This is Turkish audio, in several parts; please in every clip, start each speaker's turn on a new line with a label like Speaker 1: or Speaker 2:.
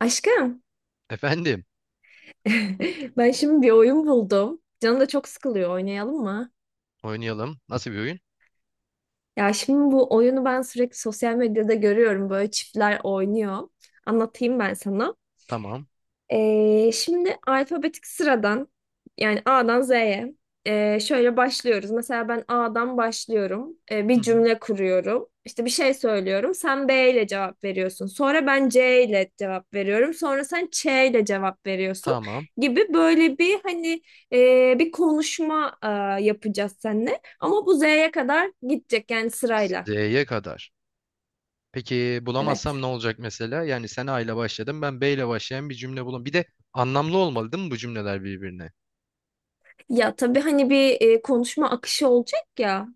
Speaker 1: Aşkım,
Speaker 2: Efendim,
Speaker 1: ben şimdi bir oyun buldum. Canım da çok sıkılıyor. Oynayalım mı?
Speaker 2: oynayalım. Nasıl bir oyun?
Speaker 1: Ya şimdi bu oyunu ben sürekli sosyal medyada görüyorum. Böyle çiftler oynuyor. Anlatayım ben sana.
Speaker 2: Tamam.
Speaker 1: Şimdi alfabetik sıradan, yani A'dan Z'ye şöyle başlıyoruz. Mesela ben A'dan başlıyorum.
Speaker 2: Hı
Speaker 1: Bir
Speaker 2: hı.
Speaker 1: cümle kuruyorum. İşte bir şey söylüyorum. Sen B ile cevap veriyorsun. Sonra ben C ile cevap veriyorum. Sonra sen Ç ile cevap veriyorsun
Speaker 2: Tamam.
Speaker 1: gibi. Böyle bir hani bir konuşma yapacağız seninle. Ama bu Z'ye kadar gidecek, yani sırayla.
Speaker 2: D'ye kadar. Peki bulamazsam
Speaker 1: Evet.
Speaker 2: ne olacak mesela? Yani sen A ile başladın, ben B ile başlayan bir cümle bulam. Bir de anlamlı olmalı değil mi bu cümleler birbirine?
Speaker 1: Ya tabii hani bir konuşma akışı olacak ya.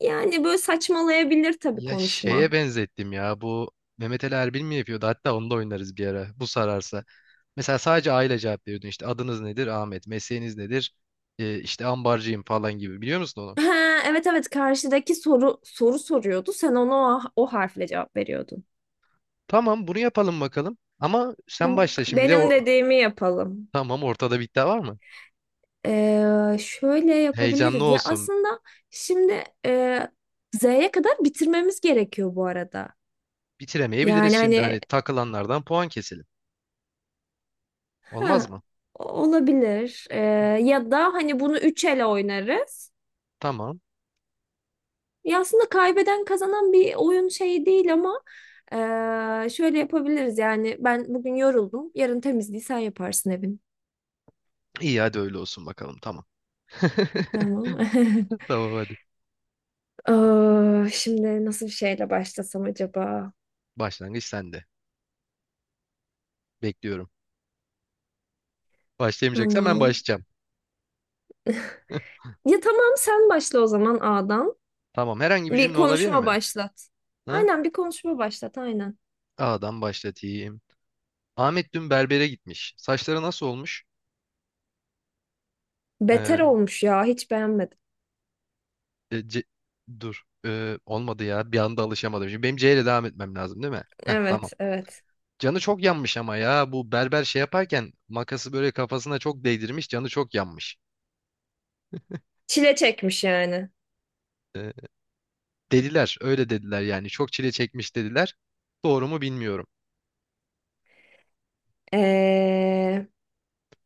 Speaker 1: Yani böyle saçmalayabilir tabii
Speaker 2: Ya şeye
Speaker 1: konuşma.
Speaker 2: benzettim ya bu Mehmet Ali Erbil mi yapıyordu? Hatta onu da oynarız bir ara. Bu sararsa. Mesela sadece A ile cevap veriyordun. İşte adınız nedir? Ahmet. Mesleğiniz nedir? İşte ambarcıyım falan gibi. Biliyor musun onu?
Speaker 1: Ha, evet evet, karşıdaki soru soruyordu. Sen ona o harfle cevap veriyordun.
Speaker 2: Tamam bunu yapalım bakalım. Ama sen
Speaker 1: Bu
Speaker 2: başla şimdi. Bir de
Speaker 1: benim
Speaker 2: o...
Speaker 1: dediğimi yapalım.
Speaker 2: Tamam, ortada bir iddia var mı?
Speaker 1: Şöyle
Speaker 2: Heyecanlı
Speaker 1: yapabiliriz. Ya
Speaker 2: olsun.
Speaker 1: aslında şimdi Z'ye kadar bitirmemiz gerekiyor bu arada.
Speaker 2: Bitiremeyebiliriz
Speaker 1: Yani
Speaker 2: şimdi.
Speaker 1: hani
Speaker 2: Hani takılanlardan puan keselim. Olmaz
Speaker 1: ha,
Speaker 2: mı?
Speaker 1: olabilir. Ya da hani bunu üç ele oynarız.
Speaker 2: Tamam.
Speaker 1: Ya aslında kaybeden kazanan bir oyun şeyi değil ama şöyle yapabiliriz. Yani ben bugün yoruldum. Yarın temizliği sen yaparsın evin.
Speaker 2: İyi, hadi öyle olsun bakalım. Tamam.
Speaker 1: Tamam.
Speaker 2: Tamam hadi.
Speaker 1: Aa, şimdi nasıl bir şeyle başlasam acaba?
Speaker 2: Başlangıç sende. Bekliyorum. Başlayamayacaksan ben
Speaker 1: Tamam.
Speaker 2: başlayacağım.
Speaker 1: Ya tamam, sen başla o zaman A'dan.
Speaker 2: Tamam. Herhangi bir
Speaker 1: Bir
Speaker 2: cümle olabilir
Speaker 1: konuşma
Speaker 2: mi?
Speaker 1: başlat.
Speaker 2: Hı?
Speaker 1: Aynen, bir konuşma başlat aynen.
Speaker 2: A'dan başlatayım. Ahmet dün berbere gitmiş. Saçları nasıl olmuş? Ee,
Speaker 1: Beter olmuş ya, hiç beğenmedim.
Speaker 2: e, C- Dur. Olmadı ya. Bir anda alışamadım. Şimdi benim C ile devam etmem lazım değil mi? Heh, tamam.
Speaker 1: Evet evet.
Speaker 2: Canı çok yanmış ama ya bu berber şey yaparken makası böyle kafasına çok değdirmiş, canı çok yanmış.
Speaker 1: Çile çekmiş yani.
Speaker 2: Ee, Dediler, öyle dediler yani, çok çile çekmiş dediler. Doğru mu bilmiyorum.
Speaker 1: Ee,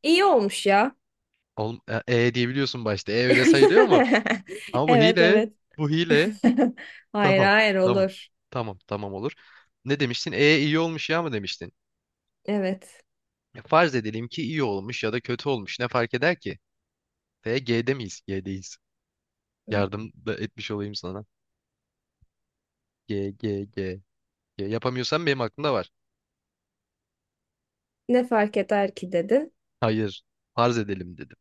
Speaker 1: iyi olmuş ya.
Speaker 2: Oğlum, e, e diyebiliyorsun başta, e öyle sayılıyor mu? Ama bu
Speaker 1: Evet
Speaker 2: hile,
Speaker 1: evet.
Speaker 2: bu hile,
Speaker 1: Hayır
Speaker 2: tamam
Speaker 1: hayır,
Speaker 2: tamam,
Speaker 1: olur.
Speaker 2: tamam tamam olur. Ne demiştin, e iyi olmuş ya mı demiştin?
Speaker 1: Evet.
Speaker 2: E, farz edelim ki iyi olmuş ya da kötü olmuş, ne fark eder ki? T G'de miyiz? G'deyiz. Yardım da etmiş olayım sana. G G G. G. Yapamıyorsan benim aklımda var.
Speaker 1: Ne fark eder ki dedin.
Speaker 2: Hayır, farz edelim dedim.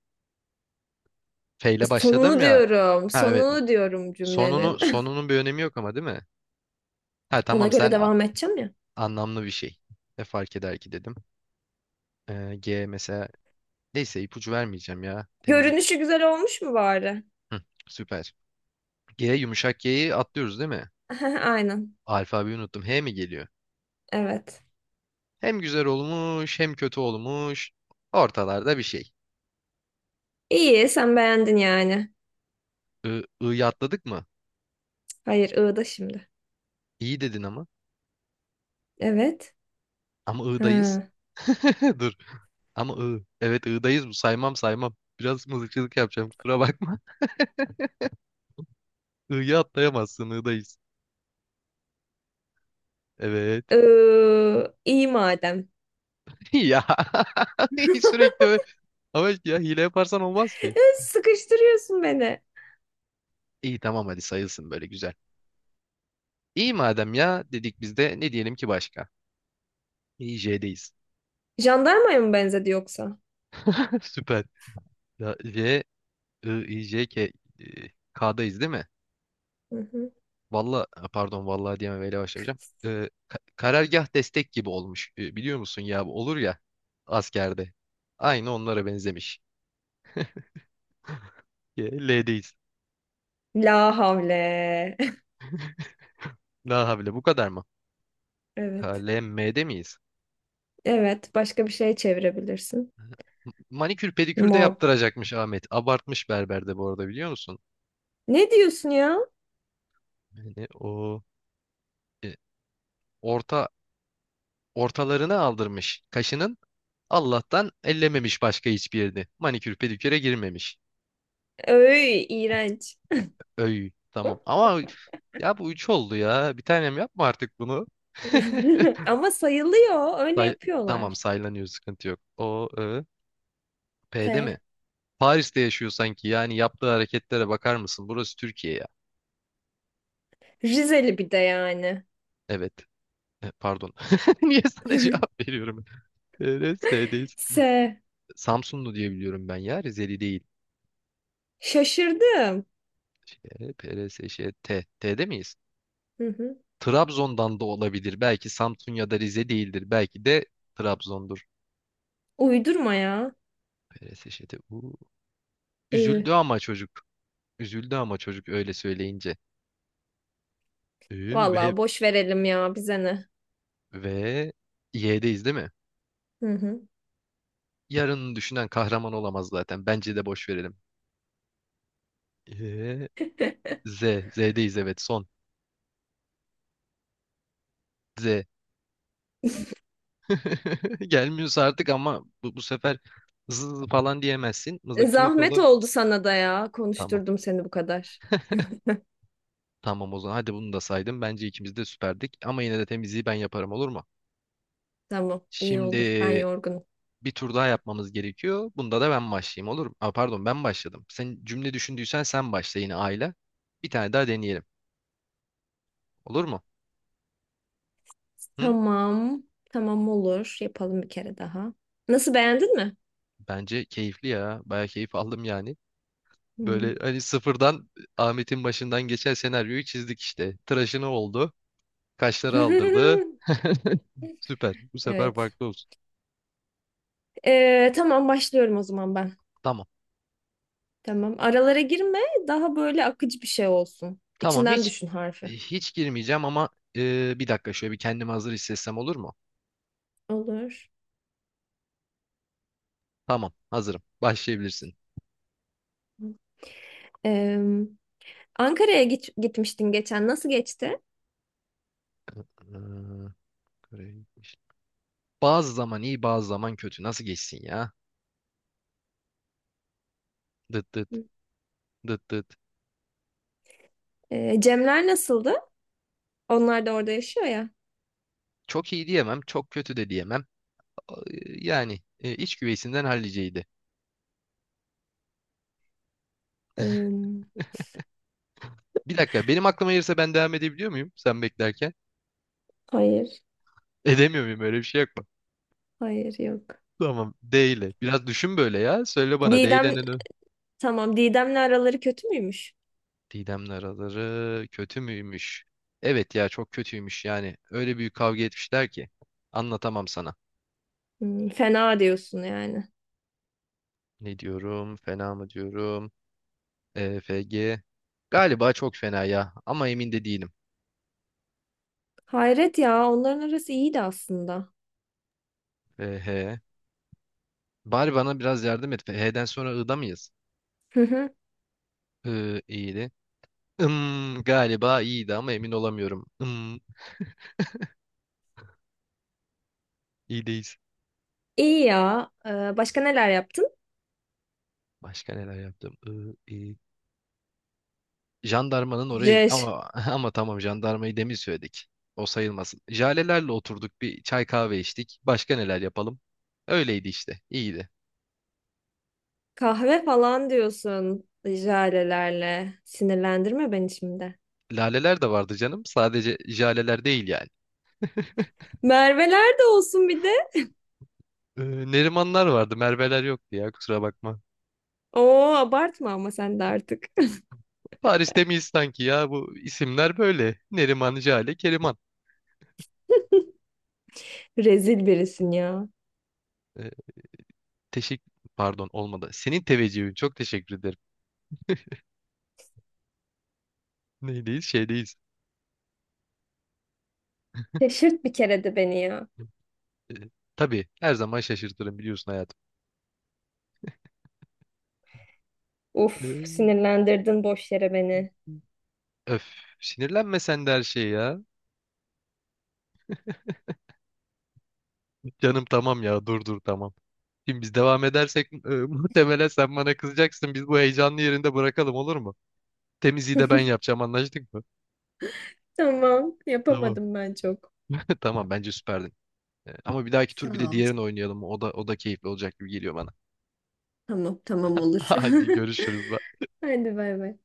Speaker 2: F ile başladım
Speaker 1: Sonunu
Speaker 2: ya.
Speaker 1: diyorum.
Speaker 2: Ha evet.
Speaker 1: Sonunu diyorum
Speaker 2: Sonunu,
Speaker 1: cümlenin.
Speaker 2: sonunun bir önemi yok ama değil mi? Ha
Speaker 1: Ona
Speaker 2: tamam,
Speaker 1: göre
Speaker 2: sen
Speaker 1: devam edeceğim ya.
Speaker 2: anlamlı bir şey. Ne fark eder ki dedim. G mesela, neyse ipucu vermeyeceğim ya. Temizlik.
Speaker 1: Görünüşü güzel olmuş mu bari?
Speaker 2: Hı, süper. G, yumuşak G'yi atlıyoruz değil mi?
Speaker 1: Aynen.
Speaker 2: Alfabeyi unuttum. H mi geliyor?
Speaker 1: Evet.
Speaker 2: Hem güzel olmuş, hem kötü olmuş. Ortalarda bir şey.
Speaker 1: İyi, sen beğendin yani.
Speaker 2: I, I'yı atladık mı?
Speaker 1: Hayır, ığda şimdi.
Speaker 2: İyi dedin ama.
Speaker 1: Evet.
Speaker 2: Ama I'dayız.
Speaker 1: Ha.
Speaker 2: Dur. Ama I. Evet, I'dayız bu. Saymam saymam. Biraz mızıkçılık yapacağım, kusura bakma. I'yı atlayamazsın, I'dayız. Evet.
Speaker 1: İyi madem.
Speaker 2: Ya, sürekli böyle. Ama işte ya, hile yaparsan olmaz
Speaker 1: Ya,
Speaker 2: ki.
Speaker 1: sıkıştırıyorsun beni.
Speaker 2: İyi tamam, hadi sayılsın böyle güzel. İyi madem ya dedik, biz de ne diyelim ki başka? İyi, J'deyiz.
Speaker 1: Jandarmaya mı benzedi yoksa?
Speaker 2: Süper. Ya J, I, I, J, K, e, K'dayız değil mi?
Speaker 1: Hı hı.
Speaker 2: Valla, pardon, vallahi diyemem, öyle başlamayacağım. Karargah destek gibi olmuş. Biliyor musun ya, bu olur ya askerde. Aynı onlara benzemiş. L'deyiz.
Speaker 1: La havle.
Speaker 2: La havle bu kadar mı?
Speaker 1: Evet.
Speaker 2: KLM'de miyiz?
Speaker 1: Evet. Başka bir şey çevirebilirsin.
Speaker 2: Manikür pedikür de
Speaker 1: Mob.
Speaker 2: yaptıracakmış Ahmet. Abartmış berber de bu arada, biliyor musun?
Speaker 1: Ne diyorsun ya?
Speaker 2: Yani o e, orta ortalarını aldırmış kaşının. Allah'tan ellememiş başka hiçbir yerini. Manikür pediküre girmemiş.
Speaker 1: Öy, iğrenç.
Speaker 2: Öy. Tamam. Ama ya bu üç oldu ya. Bir tanem, yapma artık bunu.
Speaker 1: Ama sayılıyor. Öyle
Speaker 2: Say- tamam,
Speaker 1: yapıyorlar.
Speaker 2: saylanıyor, sıkıntı yok. O, Ö, P'de mi?
Speaker 1: P.
Speaker 2: Paris'te yaşıyor sanki. Yani yaptığı hareketlere bakar mısın? Burası Türkiye ya.
Speaker 1: Rizeli bir de yani.
Speaker 2: Evet. Pardon. Niye sana cevap veriyorum? PRS'deyiz.
Speaker 1: S.
Speaker 2: Samsunlu diye biliyorum ben ya. Rizeli değil.
Speaker 1: Şaşırdım.
Speaker 2: Şey, PRS, şey, T. T'de miyiz?
Speaker 1: Hı hı.
Speaker 2: Trabzon'dan da olabilir. Belki Samsun ya da Rize değildir. Belki de Trabzon'dur.
Speaker 1: Uydurma ya.
Speaker 2: PRS, şey, T. Uu. Üzüldü
Speaker 1: Ü.
Speaker 2: ama çocuk. Üzüldü ama çocuk, öyle söyleyince. Ee, ve
Speaker 1: Vallahi boş verelim ya, bize ne.
Speaker 2: ve Y'deyiz değil mi?
Speaker 1: Hı hı.
Speaker 2: Yarını düşünen kahraman olamaz zaten. Bence de boş verelim. Ee, Z. Z'deyiz, evet son. Z. Gelmiyorsa artık ama bu sefer zız falan diyemezsin. Mızıkçılık
Speaker 1: Zahmet
Speaker 2: olur.
Speaker 1: oldu sana da ya.
Speaker 2: Tamam.
Speaker 1: Konuşturdum seni bu kadar.
Speaker 2: Tamam o zaman. Hadi bunu da saydım. Bence ikimiz de süperdik. Ama yine de temizliği ben yaparım, olur mu?
Speaker 1: Tamam, iyi
Speaker 2: Şimdi
Speaker 1: olur. Ben yorgunum.
Speaker 2: bir tur daha yapmamız gerekiyor. Bunda da ben başlayayım, olur mu? Pardon, ben başladım. Sen cümle düşündüysen sen başla yine aile. Bir tane daha deneyelim. Olur mu? Hı?
Speaker 1: Tamam. Tamam, olur. Yapalım bir kere daha. Nasıl, beğendin mi?
Speaker 2: Bence keyifli ya. Baya keyif aldım yani.
Speaker 1: Hmm.
Speaker 2: Böyle hani sıfırdan Ahmet'in başından geçen senaryoyu çizdik işte. Tıraşını oldu. Kaşları aldırdı. Süper. Bu sefer
Speaker 1: Evet.
Speaker 2: farklı olsun.
Speaker 1: Tamam, başlıyorum o zaman ben.
Speaker 2: Tamam.
Speaker 1: Tamam. Aralara girme. Daha böyle akıcı bir şey olsun.
Speaker 2: Tamam,
Speaker 1: İçinden
Speaker 2: hiç
Speaker 1: düşün
Speaker 2: e,
Speaker 1: harfi.
Speaker 2: hiç girmeyeceğim ama bir dakika, şöyle bir kendimi hazır hissetsem olur mu?
Speaker 1: Olur.
Speaker 2: Tamam, hazırım. Başlayabilirsin.
Speaker 1: Ee, Ankara'ya gitmiştin geçen. Nasıl geçti?
Speaker 2: Ee, Bazı zaman iyi, bazı zaman kötü. Nasıl geçsin ya? Dıt dıt, dıt dıt.
Speaker 1: Cemler nasıldı? Onlar da orada yaşıyor ya.
Speaker 2: Çok iyi diyemem. Çok kötü de diyemem. Ee, Yani iç güveysinden halliceydi.
Speaker 1: Ee,
Speaker 2: Bir dakika, benim aklıma gelirse ben devam edebiliyor muyum sen beklerken?
Speaker 1: hayır.
Speaker 2: Edemiyor muyum, öyle bir şey yok mu?
Speaker 1: Hayır yok.
Speaker 2: Tamam, D ile. Biraz düşün böyle ya. Söyle bana D ile,
Speaker 1: Didem,
Speaker 2: ne? Ne?
Speaker 1: tamam. Didem'le araları kötü müymüş?
Speaker 2: Didem'le araları kötü müymüş? Evet ya, çok kötüymüş yani. Öyle büyük kavga etmişler ki, anlatamam sana.
Speaker 1: Hmm, fena diyorsun yani.
Speaker 2: Ne diyorum? Fena mı diyorum? EFG. Galiba çok fena ya, ama emin de değilim.
Speaker 1: Hayret ya. Onların arası iyiydi aslında.
Speaker 2: FH. Bari bana biraz yardım et. F, H'den sonra I'da mıyız? I, iyiydi. Galiba iyiydi ama emin olamıyorum. İyideyiz.
Speaker 1: İyi ya. Başka neler yaptın?
Speaker 2: Başka neler yaptım? I, iyi. Jandarmanın oraya
Speaker 1: Jej.
Speaker 2: ama ama tamam, jandarmayı demin söyledik. O sayılmasın. Jalelerle oturduk, bir çay kahve içtik. Başka neler yapalım? Öyleydi işte. İyiydi.
Speaker 1: Kahve falan diyorsun jalelerle. Sinirlendirme beni şimdi.
Speaker 2: Laleler de vardı canım. Sadece jaleler değil yani.
Speaker 1: Merveler de olsun bir de.
Speaker 2: Ee, Nerimanlar vardı. Merveler yoktu ya, kusura bakma.
Speaker 1: Oo, abartma ama sen de artık.
Speaker 2: Paris'te miyiz sanki ya? Bu isimler böyle. Neriman, Jale, Keriman.
Speaker 1: Rezil birisin ya.
Speaker 2: Ee, Pardon, olmadı. Senin teveccühün. Çok teşekkür ederim. Neydeyiz? Şeydeyiz.
Speaker 1: Şaşırt bir kere de beni ya.
Speaker 2: Ee, tabii, her zaman şaşırtırım biliyorsun hayatım.
Speaker 1: Uf,
Speaker 2: Ee,
Speaker 1: sinirlendirdin boş yere beni.
Speaker 2: Öf. Sinirlenme sen de her şeye ya. Canım tamam ya, dur dur, tamam. Şimdi biz devam edersek muhtemelen sen bana kızacaksın. Biz bu heyecanlı yerinde bırakalım olur mu? Temizliği de ben yapacağım, anlaştık mı?
Speaker 1: Tamam,
Speaker 2: Tamam.
Speaker 1: yapamadım ben çok.
Speaker 2: Tamam, bence süperdin. Ama bir dahaki
Speaker 1: Sağ
Speaker 2: tur bir de
Speaker 1: ol.
Speaker 2: diğerini oynayalım. O da keyifli olacak gibi geliyor bana.
Speaker 1: Tamam tamam, olur.
Speaker 2: Hadi görüşürüz. Bye.
Speaker 1: Hadi bay bay.